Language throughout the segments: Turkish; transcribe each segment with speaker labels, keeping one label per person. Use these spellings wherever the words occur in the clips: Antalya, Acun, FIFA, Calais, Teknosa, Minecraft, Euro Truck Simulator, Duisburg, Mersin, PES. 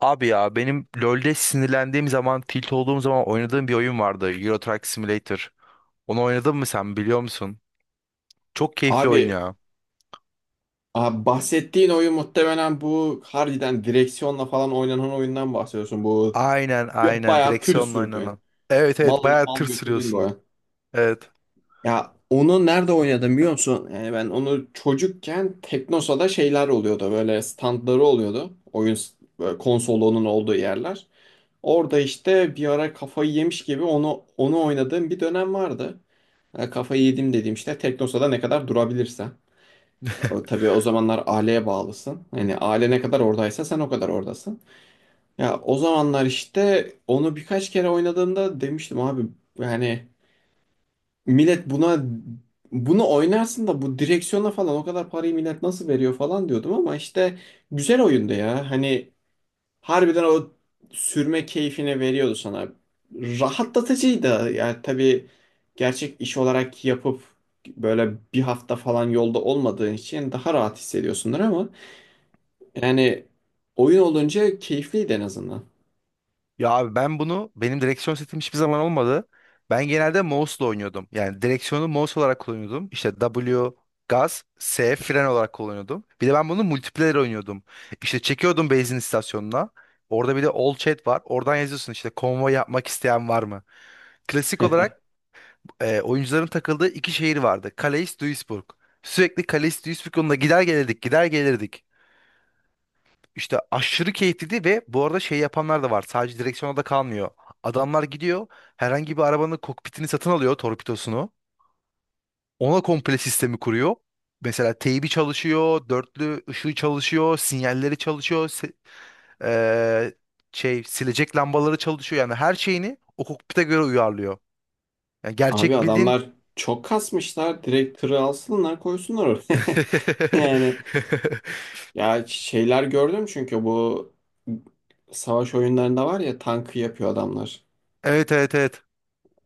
Speaker 1: Abi ya benim LoL'de sinirlendiğim zaman, tilt olduğum zaman oynadığım bir oyun vardı. Euro Truck Simulator. Onu oynadın mı, sen biliyor musun? Çok keyifli oyun
Speaker 2: Abi,
Speaker 1: ya.
Speaker 2: abi, bahsettiğin oyun muhtemelen bu harbiden direksiyonla falan oynanan oyundan bahsediyorsun.
Speaker 1: Aynen, aynen,
Speaker 2: Bayağı tır
Speaker 1: direksiyonla
Speaker 2: sürdün,
Speaker 1: oynanan. Evet, evet,
Speaker 2: mal alıp
Speaker 1: bayağı tır
Speaker 2: mal götürdün bu
Speaker 1: sürüyorsun.
Speaker 2: oyun.
Speaker 1: Evet.
Speaker 2: Ya onu nerede oynadım biliyor musun? Yani ben onu çocukken Teknosa'da şeyler oluyordu. Böyle standları oluyordu. Böyle konsolunun olduğu yerler. Orada işte bir ara kafayı yemiş gibi onu oynadığım bir dönem vardı. Yani kafayı yedim dediğim işte Teknosa'da ne kadar durabilirsen. O, tabii o zamanlar aileye bağlısın. Hani aile ne kadar oradaysa sen o kadar oradasın. Ya o zamanlar işte onu birkaç kere oynadığımda demiştim abi, yani millet bunu oynarsın da bu direksiyona falan o kadar parayı millet nasıl veriyor falan diyordum ama işte güzel oyundu ya. Hani harbiden o sürme keyfini veriyordu sana. Rahatlatıcıydı. Yani tabii gerçek iş olarak yapıp böyle bir hafta falan yolda olmadığın için daha rahat hissediyorsundur ama yani oyun olunca keyifliydi en azından.
Speaker 1: Ya abi, ben bunu, benim direksiyon setim hiçbir zaman olmadı. Ben genelde mouse'la oynuyordum. Yani direksiyonu mouse olarak kullanıyordum. İşte W gaz, S fren olarak kullanıyordum. Bir de ben bunu multiplayer oynuyordum. İşte çekiyordum benzin istasyonuna. Orada bir de all chat var. Oradan yazıyorsun, işte konvoy yapmak isteyen var mı? Klasik olarak, oyuncuların takıldığı iki şehir vardı. Calais, Duisburg. Sürekli Calais, Duisburg yolunda gider gelirdik, gider gelirdik. İşte aşırı keyifliydi ve bu arada şey yapanlar da var. Sadece direksiyona da kalmıyor. Adamlar gidiyor, herhangi bir arabanın kokpitini satın alıyor, torpidosunu. Ona komple sistemi kuruyor. Mesela teybi çalışıyor, dörtlü ışığı çalışıyor, sinyalleri çalışıyor, eee, şey silecek lambaları çalışıyor. Yani her şeyini o kokpite göre uyarlıyor. Yani
Speaker 2: Abi
Speaker 1: gerçek bildiğin...
Speaker 2: adamlar çok kasmışlar. Direkt tırı alsınlar koysunlar oraya. Yani ya şeyler gördüm çünkü bu savaş oyunlarında var ya tankı yapıyor adamlar.
Speaker 1: Evet, evet, evet.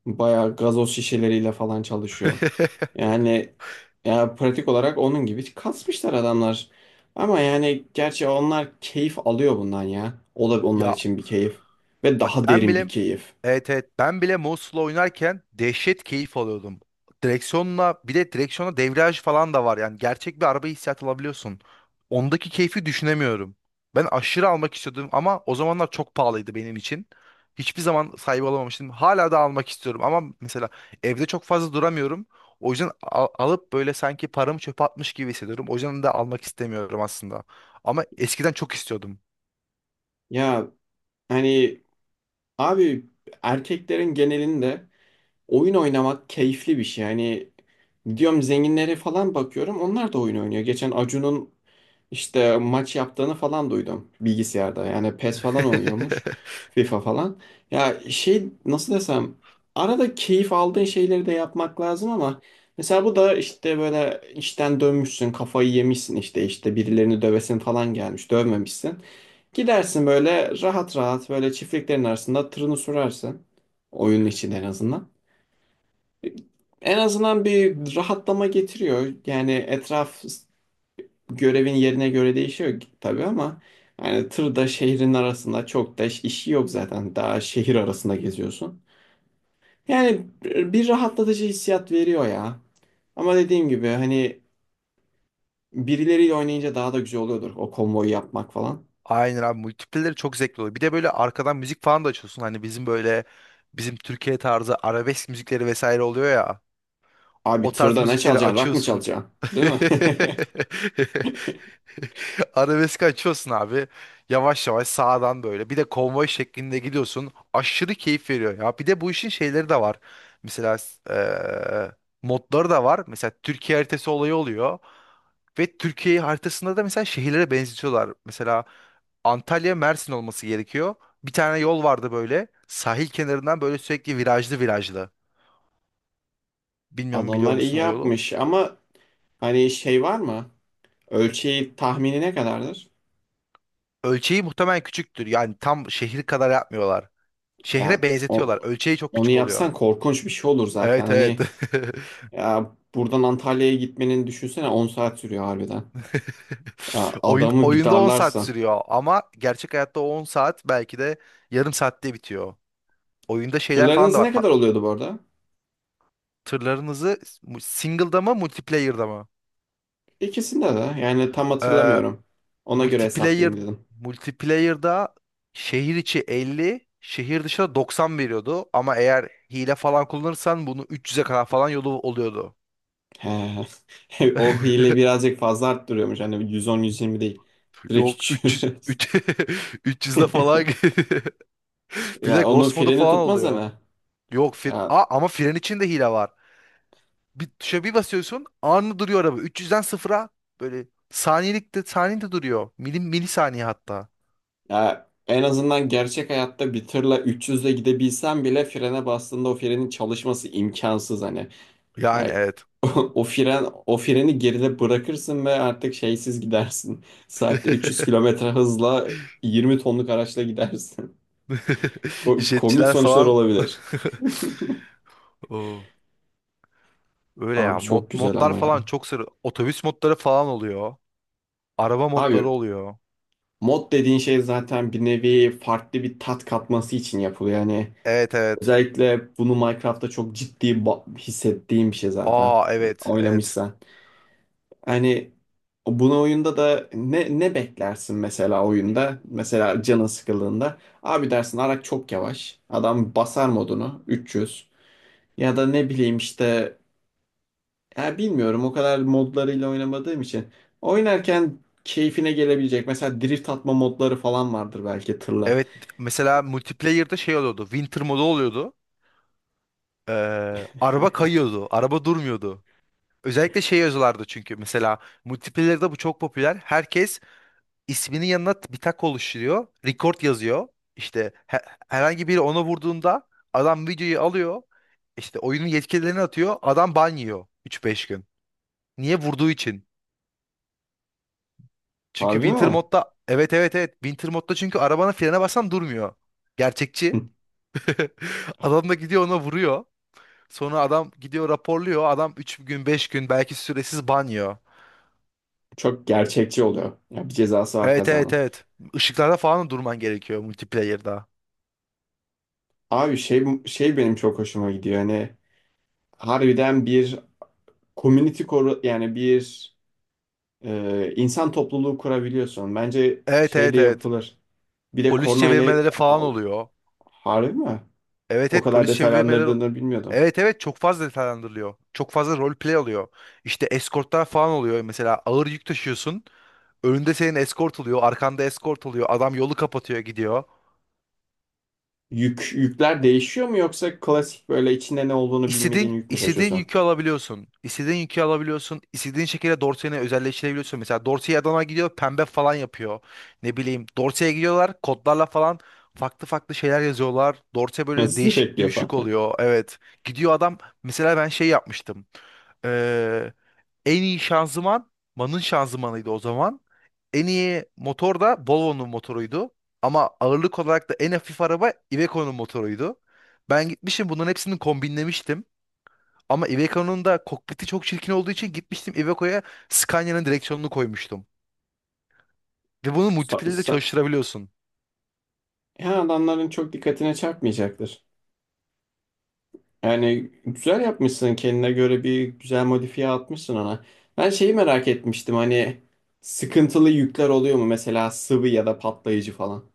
Speaker 2: Bayağı gazoz şişeleriyle falan çalışıyor. Yani, pratik olarak onun gibi kasmışlar adamlar. Ama yani gerçi onlar keyif alıyor bundan ya. O da onlar
Speaker 1: Ya,
Speaker 2: için bir keyif. Ve
Speaker 1: bak,
Speaker 2: daha
Speaker 1: ben
Speaker 2: derin bir
Speaker 1: bile,
Speaker 2: keyif.
Speaker 1: evet, evet, ben bile Mouse'la oynarken dehşet keyif alıyordum. Direksiyonla, bir de direksiyona debriyaj falan da var. Yani gerçek bir araba hissiyatı alabiliyorsun. Ondaki keyfi düşünemiyorum. Ben aşırı almak istiyordum ama o zamanlar çok pahalıydı benim için. Hiçbir zaman sahibi olamamıştım. Hala da almak istiyorum ama mesela evde çok fazla duramıyorum. O yüzden alıp böyle sanki paramı çöpe atmış gibi hissediyorum. O yüzden de almak istemiyorum aslında. Ama eskiden çok istiyordum.
Speaker 2: Ya hani abi, erkeklerin genelinde oyun oynamak keyifli bir şey. Hani diyorum zenginlere falan bakıyorum onlar da oyun oynuyor. Geçen Acun'un işte maç yaptığını falan duydum bilgisayarda. Yani PES falan oynuyormuş. FIFA falan. Ya şey nasıl desem, arada keyif aldığın şeyleri de yapmak lazım ama mesela bu da işte böyle işten dönmüşsün kafayı yemişsin işte birilerini dövesin falan gelmiş dövmemişsin. Gidersin böyle rahat rahat böyle çiftliklerin arasında tırını sürersin. Oyunun için en azından. En azından bir rahatlama getiriyor. Yani etraf, görevin yerine göre değişiyor tabii ama yani tır da şehrin arasında çok da işi yok zaten. Daha şehir arasında geziyorsun. Yani bir rahatlatıcı hissiyat veriyor ya. Ama dediğim gibi hani birileriyle oynayınca daha da güzel oluyordur o konvoyu yapmak falan.
Speaker 1: Aynen abi, multipleleri çok zevkli oluyor. Bir de böyle arkadan müzik falan da açıyorsun. Hani bizim Türkiye tarzı arabesk müzikleri vesaire oluyor ya.
Speaker 2: Abi
Speaker 1: O tarz
Speaker 2: tırda ne
Speaker 1: müzikleri
Speaker 2: çalacaksın? Rock mı
Speaker 1: açıyorsun.
Speaker 2: çalacaksın? Değil mi?
Speaker 1: Arabesk açıyorsun abi. Yavaş yavaş sağdan böyle. Bir de konvoy şeklinde gidiyorsun. Aşırı keyif veriyor ya. Bir de bu işin şeyleri de var. Mesela eee modları da var. Mesela Türkiye haritası olayı oluyor. Ve Türkiye haritasında da mesela şehirlere benzetiyorlar. Mesela Antalya Mersin olması gerekiyor. Bir tane yol vardı böyle, sahil kenarından böyle sürekli virajlı virajlı. Bilmiyorum, biliyor
Speaker 2: Adamlar iyi
Speaker 1: musun o yolu?
Speaker 2: yapmış ama hani şey var mı? Ölçeği tahmini ne kadardır?
Speaker 1: Ölçeği muhtemelen küçüktür. Yani tam şehir kadar yapmıyorlar.
Speaker 2: Ya
Speaker 1: Şehre benzetiyorlar.
Speaker 2: o-
Speaker 1: Ölçeği çok
Speaker 2: Onu
Speaker 1: küçük oluyor.
Speaker 2: yapsan korkunç bir şey olur zaten.
Speaker 1: Evet, evet.
Speaker 2: Hani ya buradan Antalya'ya gitmenin düşünsene 10 saat sürüyor harbiden. Ya
Speaker 1: Oyun
Speaker 2: adamı bir
Speaker 1: oyunda 10 saat
Speaker 2: darlarsan.
Speaker 1: sürüyor ama gerçek hayatta o 10 saat belki de yarım saatte bitiyor. Oyunda şeyler
Speaker 2: Tırların
Speaker 1: falan da
Speaker 2: hızı
Speaker 1: var.
Speaker 2: ne kadar oluyordu bu arada?
Speaker 1: Tırlarınızı single'da mı, multiplayer'da mı?
Speaker 2: İkisinde de yani tam
Speaker 1: Ee,
Speaker 2: hatırlamıyorum. Ona göre
Speaker 1: multiplayer
Speaker 2: hesaplayayım dedim.
Speaker 1: multiplayer'da şehir içi 50, şehir dışına 90 veriyordu ama eğer hile falan kullanırsan bunu 300'e kadar falan yolu oluyordu.
Speaker 2: He. O hile birazcık fazla arttırıyormuş. Hani 110-120 değil. Direkt
Speaker 1: Yok,
Speaker 2: 300.
Speaker 1: 300 300'de falan, bir de
Speaker 2: Ya onun
Speaker 1: Ghost modu
Speaker 2: freni
Speaker 1: falan
Speaker 2: tutmaz
Speaker 1: oluyor.
Speaker 2: hani.
Speaker 1: Yok fir
Speaker 2: Ya
Speaker 1: A, ama fren içinde hile var. Bir tuşa bir basıyorsun, anında duruyor araba. 300'den sıfıra böyle saniyelikte, saniyede duruyor. Milim, milisaniye hatta.
Speaker 2: Ya, en azından gerçek hayatta bir tırla 300'le gidebilsem bile frene bastığında o frenin çalışması imkansız hani.
Speaker 1: Yani
Speaker 2: Yani
Speaker 1: evet.
Speaker 2: o freni geride bırakırsın ve artık şeysiz gidersin. Saatte 300 kilometre hızla 20 tonluk araçla gidersin. Komik
Speaker 1: İşletçiler
Speaker 2: sonuçlar
Speaker 1: falan.
Speaker 2: olabilir.
Speaker 1: Oo, öyle
Speaker 2: Abi
Speaker 1: ya. Mod,
Speaker 2: çok güzel
Speaker 1: modlar
Speaker 2: ama ya.
Speaker 1: falan çok sarı. Otobüs modları falan oluyor. Araba modları
Speaker 2: Abi
Speaker 1: oluyor.
Speaker 2: mod dediğin şey zaten bir nevi farklı bir tat katması için yapılıyor. Yani
Speaker 1: Evet, evet.
Speaker 2: özellikle bunu Minecraft'ta çok ciddi hissettiğim bir şey zaten.
Speaker 1: Aa, evet, evet.
Speaker 2: Oynamışsan. Hani bunu oyunda da ne beklersin mesela oyunda? Mesela canın sıkıldığında. Abi dersin Arak çok yavaş. Adam basar modunu 300. Ya da ne bileyim işte, ya bilmiyorum o kadar modlarıyla oynamadığım için. Oynarken keyfine gelebilecek. Mesela drift atma modları falan vardır belki tırla.
Speaker 1: Evet, mesela multiplayer'da şey oluyordu. Winter modu oluyordu. Araba kayıyordu. Araba durmuyordu. Özellikle şey yazıyorlardı çünkü mesela multiplayer'da bu çok popüler. Herkes isminin yanına bir tak oluşturuyor. Record yazıyor. İşte herhangi biri ona vurduğunda adam videoyu alıyor. İşte oyunun yetkililerine atıyor. Adam ban yiyor 3-5 gün. Niye? Vurduğu için. Çünkü
Speaker 2: Harbi
Speaker 1: Winter
Speaker 2: mi?
Speaker 1: modda, evet, evet, evet, Winter modda, çünkü arabanın frene basan durmuyor. Gerçekçi. Adam da gidiyor ona vuruyor. Sonra adam gidiyor raporluyor. Adam 3 gün 5 gün belki süresiz banyo.
Speaker 2: Çok gerçekçi oluyor. Ya bir cezası var
Speaker 1: Evet, evet,
Speaker 2: kazanın.
Speaker 1: evet. Işıklarda falan da durman gerekiyor multiplayer'da.
Speaker 2: Abi şey benim çok hoşuma gidiyor. Hani harbiden bir community koru yani bir insan topluluğu kurabiliyorsun. Bence
Speaker 1: Evet,
Speaker 2: şey de
Speaker 1: evet, evet.
Speaker 2: yapılır. Bir de
Speaker 1: Polis
Speaker 2: kornayla
Speaker 1: çevirmeleri falan
Speaker 2: al,
Speaker 1: oluyor.
Speaker 2: harbi mi?
Speaker 1: Evet,
Speaker 2: O
Speaker 1: evet,
Speaker 2: kadar
Speaker 1: polis çevirmeleri...
Speaker 2: detaylandırdığını bilmiyordum.
Speaker 1: Evet, evet, çok fazla detaylandırılıyor. Çok fazla roleplay oluyor. İşte eskortlar falan oluyor. Mesela ağır yük taşıyorsun. Önünde senin eskort oluyor. Arkanda eskort oluyor. Adam yolu kapatıyor gidiyor.
Speaker 2: Yükler değişiyor mu yoksa klasik böyle içinde ne olduğunu bilmediğin
Speaker 1: İstediğin,
Speaker 2: yük mü
Speaker 1: istediğin
Speaker 2: taşıyorsun?
Speaker 1: yükü alabiliyorsun. İstediğin yükü alabiliyorsun. İstediğin şekilde Dorsey'ini özelleştirebiliyorsun. Mesela Dorsey Adana gidiyor, pembe falan yapıyor. Ne bileyim, Dorsey'e gidiyorlar kodlarla falan, farklı farklı şeyler yazıyorlar. Dorsey böyle değişik
Speaker 2: Sürekli
Speaker 1: düşük
Speaker 2: falan.
Speaker 1: oluyor. Evet. Gidiyor adam, mesela ben şey yapmıştım. Ee, en iyi şanzıman Man'ın şanzımanıydı o zaman. En iyi motor da Volvo'nun motoruydu. Ama ağırlık olarak da en hafif araba Iveco'nun motoruydu. Ben gitmişim, bunların hepsini kombinlemiştim. Ama Iveco'nun da kokpiti çok çirkin olduğu için gitmiştim Iveco'ya Scania'nın direksiyonunu koymuştum. Ve bunu
Speaker 2: Sa-
Speaker 1: multiple de
Speaker 2: sa-
Speaker 1: çalıştırabiliyorsun.
Speaker 2: Yani adamların çok dikkatine çarpmayacaktır. Yani güzel yapmışsın kendine göre bir güzel modifiye atmışsın ona. Ben şeyi merak etmiştim hani sıkıntılı yükler oluyor mu mesela sıvı ya da patlayıcı falan.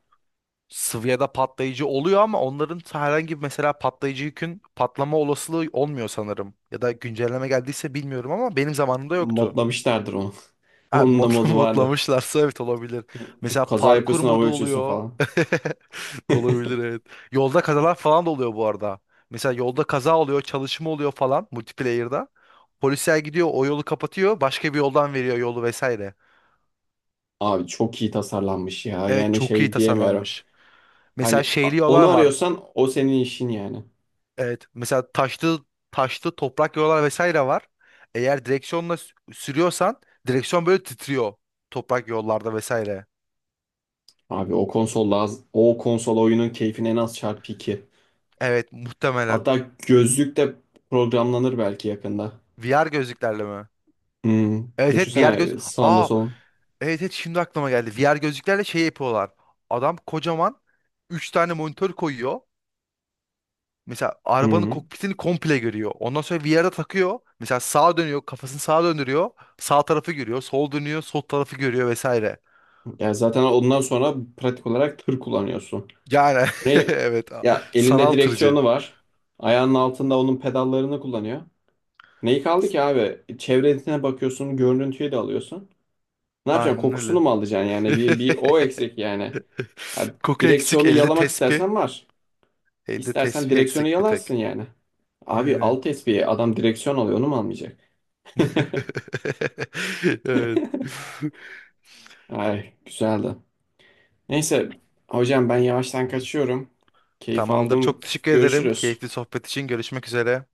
Speaker 1: Svia'da patlayıcı oluyor ama onların herhangi bir, mesela patlayıcı yükün patlama olasılığı olmuyor sanırım. Ya da güncelleme geldiyse bilmiyorum ama benim zamanımda yoktu.
Speaker 2: Modlamışlardır onu.
Speaker 1: Ha,
Speaker 2: Onun da
Speaker 1: modla-
Speaker 2: modu vardır.
Speaker 1: modlamışlarsa evet olabilir. Mesela
Speaker 2: Kaza
Speaker 1: parkur
Speaker 2: yapıyorsun hava
Speaker 1: modu
Speaker 2: uçuyorsun
Speaker 1: oluyor.
Speaker 2: falan.
Speaker 1: Olabilir, evet. Yolda kazalar falan da oluyor bu arada. Mesela yolda kaza oluyor, çalışma oluyor falan multiplayer'da. Polisler gidiyor, o yolu kapatıyor, başka bir yoldan veriyor yolu vesaire.
Speaker 2: Abi çok iyi tasarlanmış ya
Speaker 1: Evet,
Speaker 2: yani
Speaker 1: çok iyi
Speaker 2: şey diyemiyorum.
Speaker 1: tasarlanmış. Mesela şeyli
Speaker 2: Onu
Speaker 1: yollar var.
Speaker 2: arıyorsan o senin işin yani.
Speaker 1: Evet. Mesela taşlı taşlı toprak yollar vesaire var. Eğer direksiyonla sürüyorsan, direksiyon böyle titriyor toprak yollarda vesaire.
Speaker 2: Abi, o konsol oyunun keyfine en az çarpı 2.
Speaker 1: Evet, muhtemelen.
Speaker 2: Hatta gözlük de programlanır belki yakında.
Speaker 1: VR gözlüklerle mi?
Speaker 2: Hmm.
Speaker 1: Evet, evet, VR göz.
Speaker 2: Düşünsene sağında
Speaker 1: Aa,
Speaker 2: solun.
Speaker 1: evet, evet, şimdi aklıma geldi. VR gözlüklerle şey yapıyorlar. Adam kocaman 3 tane monitör koyuyor. Mesela arabanın
Speaker 2: Hmm.
Speaker 1: kokpitini komple görüyor. Ondan sonra VR'a takıyor. Mesela sağa dönüyor, kafasını sağa döndürüyor. Sağ tarafı görüyor, sol dönüyor, sol tarafı görüyor vesaire.
Speaker 2: Ya zaten ondan sonra pratik olarak tır kullanıyorsun.
Speaker 1: Yani
Speaker 2: Ne,
Speaker 1: evet,
Speaker 2: ya elinde
Speaker 1: sanal tırcı.
Speaker 2: direksiyonu var. Ayağının altında onun pedallarını kullanıyor. Neyi kaldı
Speaker 1: S-
Speaker 2: ki abi? Çevresine bakıyorsun, görüntüyü de alıyorsun. Ne yapacaksın?
Speaker 1: Aynen
Speaker 2: Kokusunu
Speaker 1: öyle.
Speaker 2: mu alacaksın yani? Bir o eksik yani. Ya
Speaker 1: Koku eksik,
Speaker 2: direksiyonu
Speaker 1: elde
Speaker 2: yalamak
Speaker 1: tespih.
Speaker 2: istersen var.
Speaker 1: Elde
Speaker 2: İstersen
Speaker 1: tespih
Speaker 2: direksiyonu
Speaker 1: eksik bir
Speaker 2: yalarsın
Speaker 1: tek.
Speaker 2: yani. Abi
Speaker 1: Yani.
Speaker 2: alt espiye adam direksiyon alıyor onu mu almayacak?
Speaker 1: Evet.
Speaker 2: Ay güzeldi. Neyse hocam ben yavaştan kaçıyorum. Keyif
Speaker 1: Tamamdır. Çok
Speaker 2: aldım.
Speaker 1: teşekkür ederim.
Speaker 2: Görüşürüz.
Speaker 1: Keyifli sohbet için görüşmek üzere.